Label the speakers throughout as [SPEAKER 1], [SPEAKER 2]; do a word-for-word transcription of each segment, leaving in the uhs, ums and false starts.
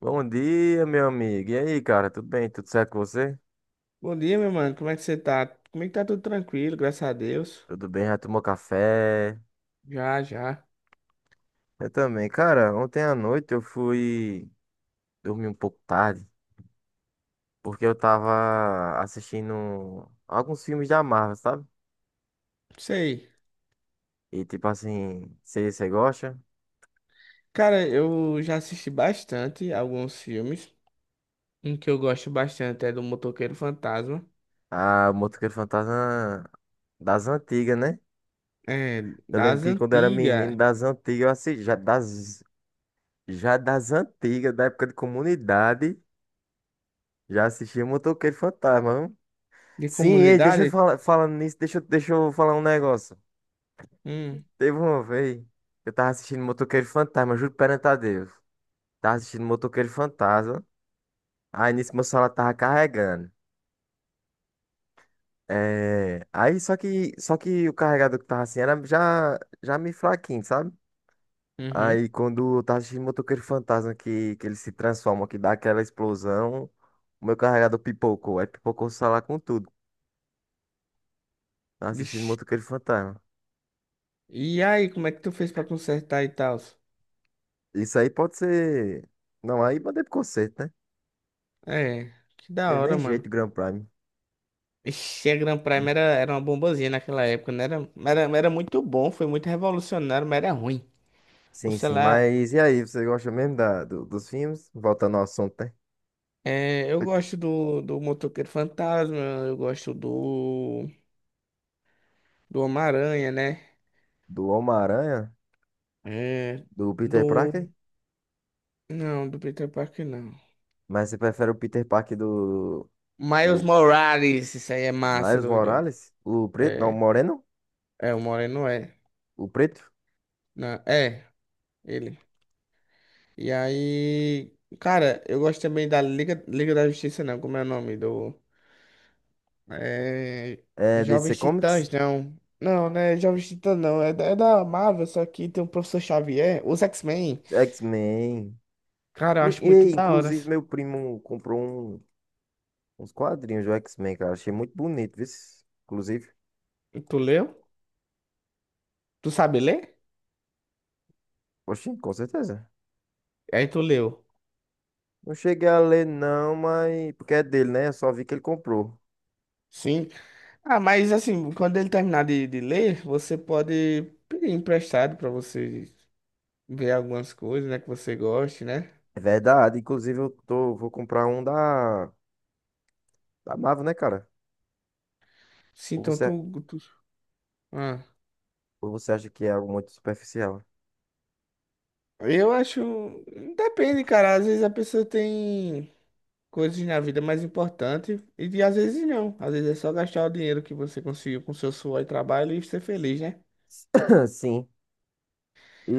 [SPEAKER 1] Bom dia, meu amigo. E aí, cara? Tudo bem? Tudo certo com você?
[SPEAKER 2] Bom dia, meu mano. Como é que você tá? Como é que tá tudo tranquilo, graças a Deus?
[SPEAKER 1] Tudo bem? Já tomou café?
[SPEAKER 2] Já, já.
[SPEAKER 1] Eu também. Cara, ontem à noite eu fui dormir um pouco tarde, porque eu tava assistindo alguns filmes da Marvel, sabe?
[SPEAKER 2] Sei.
[SPEAKER 1] E tipo assim, se você gosta?
[SPEAKER 2] Cara, eu já assisti bastante alguns filmes. Um que eu gosto bastante é do Motoqueiro Fantasma.
[SPEAKER 1] Ah, o Motoqueiro Fantasma das antigas, né?
[SPEAKER 2] É,
[SPEAKER 1] Eu lembro
[SPEAKER 2] das
[SPEAKER 1] que quando eu era menino,
[SPEAKER 2] antigas.
[SPEAKER 1] das antigas, eu assisti, já das, já das antigas, da época de comunidade, já assistia Motoqueiro Fantasma, viu?
[SPEAKER 2] De
[SPEAKER 1] Sim, ei, deixa eu
[SPEAKER 2] comunidade?
[SPEAKER 1] falar, falando nisso, deixa, eu- deixa eu falar um negócio.
[SPEAKER 2] Hum,
[SPEAKER 1] Teve uma vez, eu tava assistindo Motoqueiro Fantasma, juro perante a Deus. Tava assistindo Motoqueiro Fantasma, aí nisso meu celular tava carregando. É, aí só que, só que o carregador que tava assim era já, já meio fraquinho, sabe? Aí
[SPEAKER 2] uhum.
[SPEAKER 1] quando eu tava assistindo Motoqueiro Fantasma, que, que ele se transforma, que dá aquela explosão, o meu carregador pipocou, aí pipocou o celular com tudo. Tava assistindo
[SPEAKER 2] Vixe.
[SPEAKER 1] Motoqueiro Fantasma.
[SPEAKER 2] E aí, como é que tu fez pra consertar e tal?
[SPEAKER 1] Isso aí pode ser. Não, aí mandei pro conserto, né?
[SPEAKER 2] É, que da
[SPEAKER 1] Teve
[SPEAKER 2] hora,
[SPEAKER 1] nem
[SPEAKER 2] mano.
[SPEAKER 1] jeito, Grand Prime.
[SPEAKER 2] Ixi, a Grand Prime era, era uma bombazinha naquela época, né? Era, era, era muito bom, foi muito revolucionário, mas era ruim. O
[SPEAKER 1] Sim, sim,
[SPEAKER 2] celular.
[SPEAKER 1] mas e aí, você gosta mesmo da, do- dos filmes? Voltando ao assunto, né?
[SPEAKER 2] É, eu gosto do, do Motoqueiro Fantasma, eu gosto do, do Homem-Aranha, né?
[SPEAKER 1] Do Homem-Aranha?
[SPEAKER 2] É,
[SPEAKER 1] Do Peter Parker?
[SPEAKER 2] do. Não, do Peter Parker não.
[SPEAKER 1] Mas você prefere o Peter Parker do,
[SPEAKER 2] Miles
[SPEAKER 1] do
[SPEAKER 2] Morales, isso aí é massa,
[SPEAKER 1] Miles
[SPEAKER 2] doido.
[SPEAKER 1] Morales? O preto? Não, o
[SPEAKER 2] É,
[SPEAKER 1] moreno?
[SPEAKER 2] é o Moreno é.
[SPEAKER 1] O preto?
[SPEAKER 2] Não, é, ele. E aí. Cara, eu gosto também da Liga, Liga da Justiça, não, como é o nome? Do. É,
[SPEAKER 1] É, D C
[SPEAKER 2] Jovens
[SPEAKER 1] Comics?
[SPEAKER 2] Titãs, não. Não, né? Jovens Titãs não. É, da- é da Marvel, só que tem o Professor Xavier, os X-Men.
[SPEAKER 1] X-Men.
[SPEAKER 2] Cara, eu
[SPEAKER 1] Inclu-
[SPEAKER 2] acho
[SPEAKER 1] E
[SPEAKER 2] muito
[SPEAKER 1] aí,
[SPEAKER 2] da hora.
[SPEAKER 1] inclusive, meu primo comprou um- uns quadrinhos do X-Men, cara. Achei muito bonito, viu? Inclusive.
[SPEAKER 2] E tu leu? Tu sabe ler?
[SPEAKER 1] Oxi, com certeza.
[SPEAKER 2] Aí tu leu.
[SPEAKER 1] Não cheguei a ler, não, mas. Porque é dele, né? Eu só vi que ele comprou.
[SPEAKER 2] Sim. Ah, mas assim, quando ele terminar de, de ler, você pode pedir emprestado pra você ver algumas coisas, né, que você goste, né?
[SPEAKER 1] É verdade. Inclusive, eu tô, vou comprar um da, da Marvel, né, cara?
[SPEAKER 2] Sim,
[SPEAKER 1] Ou
[SPEAKER 2] então
[SPEAKER 1] você,
[SPEAKER 2] tu, tu... Ah.
[SPEAKER 1] ou você acha que é algo muito superficial?
[SPEAKER 2] Eu acho. Depende, cara. Às vezes a pessoa tem coisas na vida mais importantes e de- às vezes não. Às vezes é só gastar o dinheiro que você conseguiu com seu suor e trabalho e ser feliz, né?
[SPEAKER 1] Sim.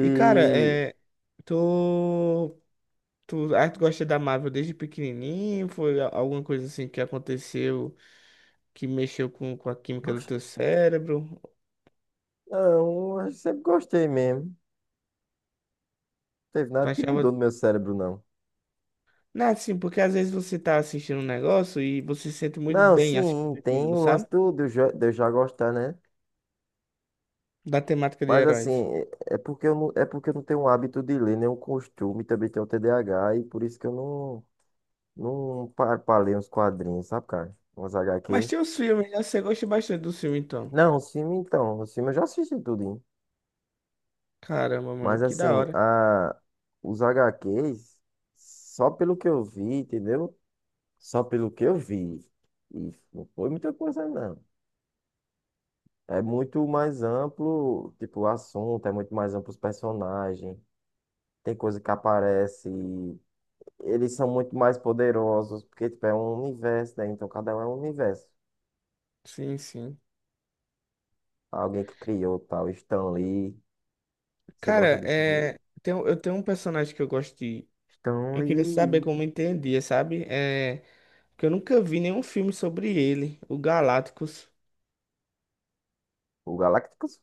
[SPEAKER 2] E, cara, é. Tu. Tu, ah, tu gosta da Marvel desde pequenininho? Foi a- alguma coisa assim que aconteceu que mexeu com, com a química do teu cérebro?
[SPEAKER 1] Não, eu sempre gostei mesmo. Não teve
[SPEAKER 2] Tu
[SPEAKER 1] nada que
[SPEAKER 2] achava...
[SPEAKER 1] mudou no meu cérebro, não.
[SPEAKER 2] Não, assim, porque às vezes você tá assistindo um negócio e você se sente muito
[SPEAKER 1] Não,
[SPEAKER 2] bem
[SPEAKER 1] sim,
[SPEAKER 2] assistindo
[SPEAKER 1] tem
[SPEAKER 2] aquilo,
[SPEAKER 1] o
[SPEAKER 2] sabe?
[SPEAKER 1] lance do, de eu já de eu já gostar, né?
[SPEAKER 2] Da temática de
[SPEAKER 1] Mas assim,
[SPEAKER 2] heróis.
[SPEAKER 1] é é porque eu não, é porque eu não tenho um hábito de ler, nenhum costume, também tenho T D A H, e por isso que eu não, não parpalei uns quadrinhos, sabe, cara? Umas
[SPEAKER 2] Mas
[SPEAKER 1] H Q.
[SPEAKER 2] tem os filmes, né? Você gosta bastante do filme, então.
[SPEAKER 1] Não, o filme então, o filme eu já assisti tudo, hein?
[SPEAKER 2] Caramba, mano,
[SPEAKER 1] Mas
[SPEAKER 2] que da
[SPEAKER 1] assim,
[SPEAKER 2] hora.
[SPEAKER 1] a... os H Qs, só pelo que eu vi, entendeu? Só pelo que eu vi. E não foi muita coisa, não. É muito mais amplo, tipo, o assunto, é muito mais amplo os personagens. Tem coisa que aparece, e eles são muito mais poderosos, porque, tipo, é um universo, né? Então cada um é um universo.
[SPEAKER 2] Sim, sim.
[SPEAKER 1] Alguém que criou tal, Stan Lee. Você
[SPEAKER 2] Cara,
[SPEAKER 1] gosta do Stan Lee?
[SPEAKER 2] é... tem um- eu tenho um personagem que eu gosto de...
[SPEAKER 1] Stan
[SPEAKER 2] Eu queria saber
[SPEAKER 1] Lee.
[SPEAKER 2] como entendia, sabe? É... Porque eu nunca vi nenhum filme sobre ele, o Galácticos.
[SPEAKER 1] O Galactus?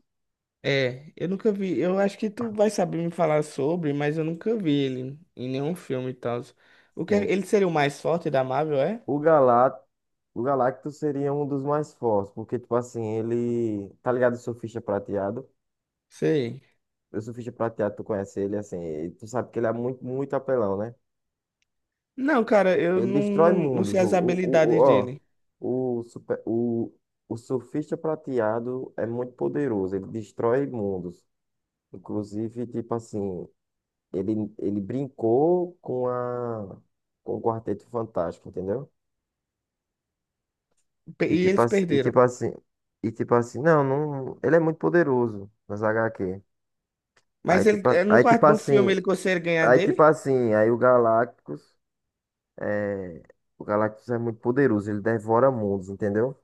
[SPEAKER 2] É, eu nunca vi. Eu acho que tu vai saber me falar sobre, mas eu nunca vi ele em nenhum filme e tal. O que é-
[SPEAKER 1] Sim.
[SPEAKER 2] ele seria o mais forte da Marvel, é?
[SPEAKER 1] O Galá, o Galacto seria um dos mais fortes, porque, tipo assim, ele. Tá ligado o Surfista Prateado?
[SPEAKER 2] Sei.
[SPEAKER 1] O Surfista Prateado, tu conhece ele, assim, e tu sabe que ele é muito, muito apelão, né?
[SPEAKER 2] Não, cara, eu
[SPEAKER 1] Ele
[SPEAKER 2] não,
[SPEAKER 1] destrói
[SPEAKER 2] não, não sei
[SPEAKER 1] mundos. O,
[SPEAKER 2] as
[SPEAKER 1] o, o, o-
[SPEAKER 2] habilidades
[SPEAKER 1] ó,
[SPEAKER 2] dele.
[SPEAKER 1] o, super, o, o Surfista Prateado é muito poderoso, ele destrói mundos. Inclusive, tipo assim, ele, ele brincou com a, com o Quarteto Fantástico, entendeu?
[SPEAKER 2] Pe-
[SPEAKER 1] E
[SPEAKER 2] E
[SPEAKER 1] tipo
[SPEAKER 2] eles
[SPEAKER 1] assim, e
[SPEAKER 2] perderam.
[SPEAKER 1] tipo assim, e tipo assim, não, não, ele é muito poderoso nas H Q. Aí
[SPEAKER 2] Mas ele,
[SPEAKER 1] tipo, a-
[SPEAKER 2] é, no
[SPEAKER 1] aí tipo
[SPEAKER 2] quarto do filme
[SPEAKER 1] assim,
[SPEAKER 2] ele consegue ganhar
[SPEAKER 1] aí tipo
[SPEAKER 2] dele?
[SPEAKER 1] assim, aí o Galactus é, o Galactus é muito poderoso, ele devora mundos, entendeu?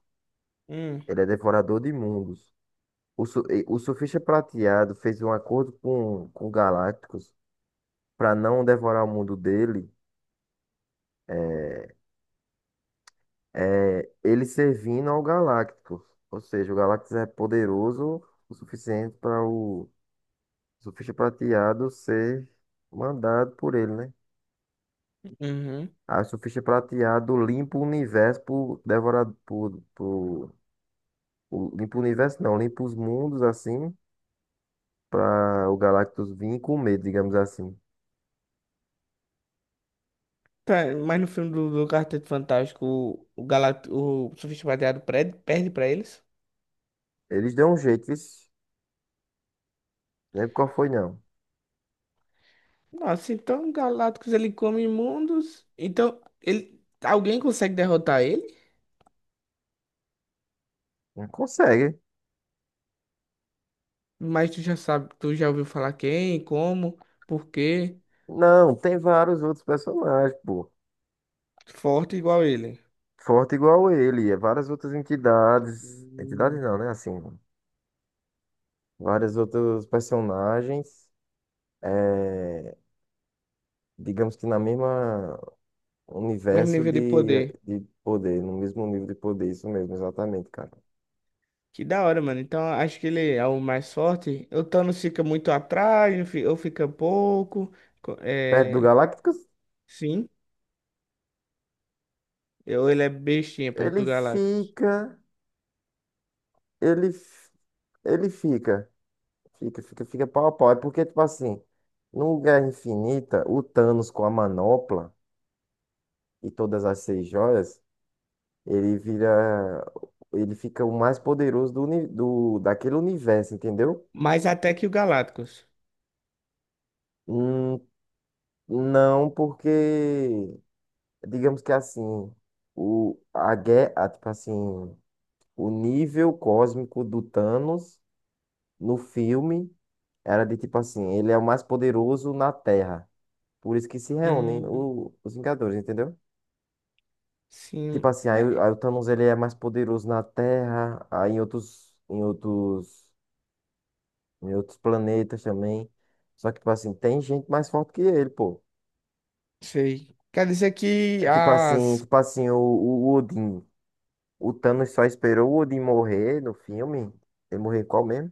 [SPEAKER 2] Hum,
[SPEAKER 1] Ele é devorador de mundos. O, su- e- o Surfista Prateado fez um acordo com, com o Galactus para não devorar o mundo dele, é, é, ele servindo ao Galactus. Ou seja, o Galactus é poderoso o suficiente para o Surfista prateado ser mandado por ele, né?
[SPEAKER 2] uhum.
[SPEAKER 1] Aí o surfista prateado limpa o universo por devorar por, por, o- limpa o universo não, limpa os mundos assim para o Galactus vir comer, digamos assim.
[SPEAKER 2] Tá, mas no filme do, do Quarteto Fantástico, o, o, Galact o Surfista Prateado perde, perde pra eles?
[SPEAKER 1] Eles dão um jeito, isso. Lembro qual foi, não.
[SPEAKER 2] Nossa, então Galactus ele come mundos. Então, ele, alguém consegue derrotar ele?
[SPEAKER 1] Não consegue.
[SPEAKER 2] Mas tu já sabe, tu já ouviu falar quem, como, por quê?
[SPEAKER 1] Não, tem vários outros personagens, pô.
[SPEAKER 2] Forte igual ele.
[SPEAKER 1] Forte igual ele, é várias outras entidades. Entidades
[SPEAKER 2] Hum.
[SPEAKER 1] não, né? Assim, várias outros personagens. É, digamos que na mesma.
[SPEAKER 2] Mesmo
[SPEAKER 1] Universo
[SPEAKER 2] nível de
[SPEAKER 1] de,
[SPEAKER 2] poder.
[SPEAKER 1] de poder, no mesmo nível de poder, isso mesmo, exatamente, cara.
[SPEAKER 2] Que da hora, mano. Então acho que ele é o mais forte. O Thanos fica muito atrás, eu fi- ou fica pouco. Co-
[SPEAKER 1] Perto do
[SPEAKER 2] É...
[SPEAKER 1] Galácticos,
[SPEAKER 2] Sim, eu, ele é bestinha perto
[SPEAKER 1] ele
[SPEAKER 2] do Galactus.
[SPEAKER 1] fica. Ele, f- ele fica. Fica, fica, fica pau a pau. É porque, tipo assim, no Guerra Infinita, o Thanos com a manopla e todas as seis joias, ele vira. Ele fica o mais poderoso do, uni- do, daquele universo, entendeu?
[SPEAKER 2] Mais até que o Galactus.
[SPEAKER 1] Hum, não, porque. Digamos que assim. O, a guerra, tipo assim. O nível cósmico do Thanos no filme era de tipo assim, ele é o mais poderoso na Terra. Por isso que se reúnem
[SPEAKER 2] Hum,
[SPEAKER 1] o- os Vingadores, entendeu? Tipo
[SPEAKER 2] sim,
[SPEAKER 1] assim, aí,
[SPEAKER 2] mas
[SPEAKER 1] o aí o Thanos ele é mais poderoso na Terra, aí em outros, em outros, em outros planetas também. Só que, tipo assim, tem gente mais forte que ele, pô.
[SPEAKER 2] sei. Quer dizer que
[SPEAKER 1] É tipo assim,
[SPEAKER 2] as.
[SPEAKER 1] tipo assim, o, o Odin. O Thanos só esperou o Odin morrer no filme. Ele morreu em qual mesmo?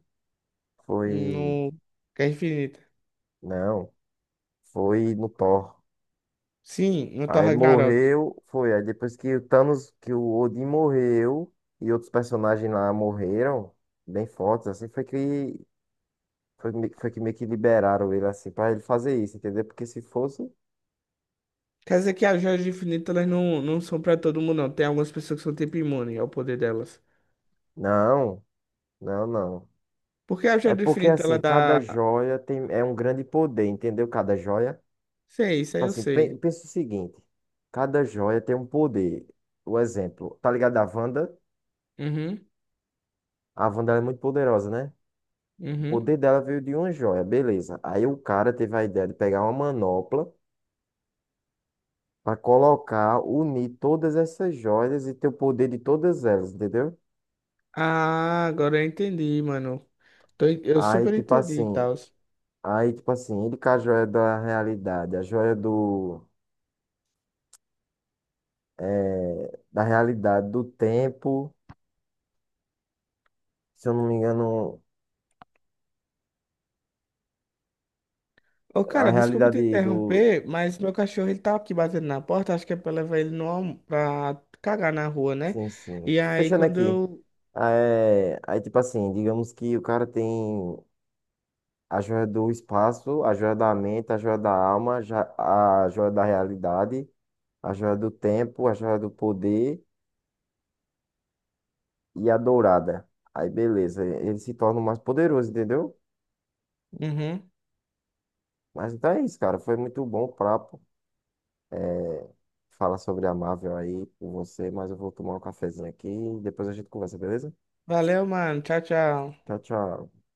[SPEAKER 1] Foi.
[SPEAKER 2] No. Guerra Infinita.
[SPEAKER 1] Não. Foi no Thor.
[SPEAKER 2] Sim, no Thor
[SPEAKER 1] Aí
[SPEAKER 2] Ragnarok.
[SPEAKER 1] morreu, foi. Aí depois que o Thanos, que o Odin morreu e outros personagens lá morreram, bem fortes, assim, foi que foi, me- foi que meio que liberaram ele assim pra ele fazer isso, entendeu? Porque se fosse,
[SPEAKER 2] Quer dizer que as joias do infinito elas não, não são pra todo mundo, não. Tem algumas pessoas que são tipo imune ao poder delas.
[SPEAKER 1] não, não, não.
[SPEAKER 2] Porque a
[SPEAKER 1] É
[SPEAKER 2] joia do
[SPEAKER 1] porque
[SPEAKER 2] infinito ela
[SPEAKER 1] assim,
[SPEAKER 2] dá.
[SPEAKER 1] cada joia tem é um grande poder, entendeu? Cada joia,
[SPEAKER 2] Sei, isso aí
[SPEAKER 1] tipo
[SPEAKER 2] eu
[SPEAKER 1] assim,
[SPEAKER 2] sei.
[SPEAKER 1] pe- pensa o seguinte, cada joia tem um poder. O exemplo, tá ligado a Wanda?
[SPEAKER 2] Uhum,
[SPEAKER 1] A Wanda ela é muito poderosa, né? O
[SPEAKER 2] uhum.
[SPEAKER 1] poder dela veio de uma joia, beleza. Aí o cara teve a ideia de pegar uma manopla pra colocar, unir todas essas joias e ter o poder de todas elas, entendeu?
[SPEAKER 2] Ah, agora eu entendi, mano. Tô en- eu
[SPEAKER 1] Aí,
[SPEAKER 2] super
[SPEAKER 1] tipo
[SPEAKER 2] entendi e
[SPEAKER 1] assim,
[SPEAKER 2] tal.
[SPEAKER 1] aí, tipo assim, ele com a joia da realidade, a joia do, eh, da realidade do tempo, se eu não me engano,
[SPEAKER 2] Ô,
[SPEAKER 1] a
[SPEAKER 2] cara, desculpa te
[SPEAKER 1] realidade do,
[SPEAKER 2] interromper, mas meu cachorro ele tá aqui batendo na porta. Acho que é pra levar ele no, alm- pra cagar na rua, né?
[SPEAKER 1] sim, sim,
[SPEAKER 2] E aí
[SPEAKER 1] fechando
[SPEAKER 2] quando
[SPEAKER 1] aqui.
[SPEAKER 2] eu.
[SPEAKER 1] Eh, aí, tipo assim, digamos que o cara tem a joia do espaço, a joia da mente, a joia da alma, já- a joia da realidade, a joia do tempo, a joia do poder e a dourada. Aí beleza, ele se torna o mais poderoso, entendeu?
[SPEAKER 2] Uhum.
[SPEAKER 1] Mas então é isso, cara. Foi muito bom o papo. É, fala sobre a Marvel aí com você, mas eu vou tomar um cafezinho aqui e depois a gente conversa, beleza?
[SPEAKER 2] Valeu, mano. Tchau, tchau.
[SPEAKER 1] Tchau, tchau.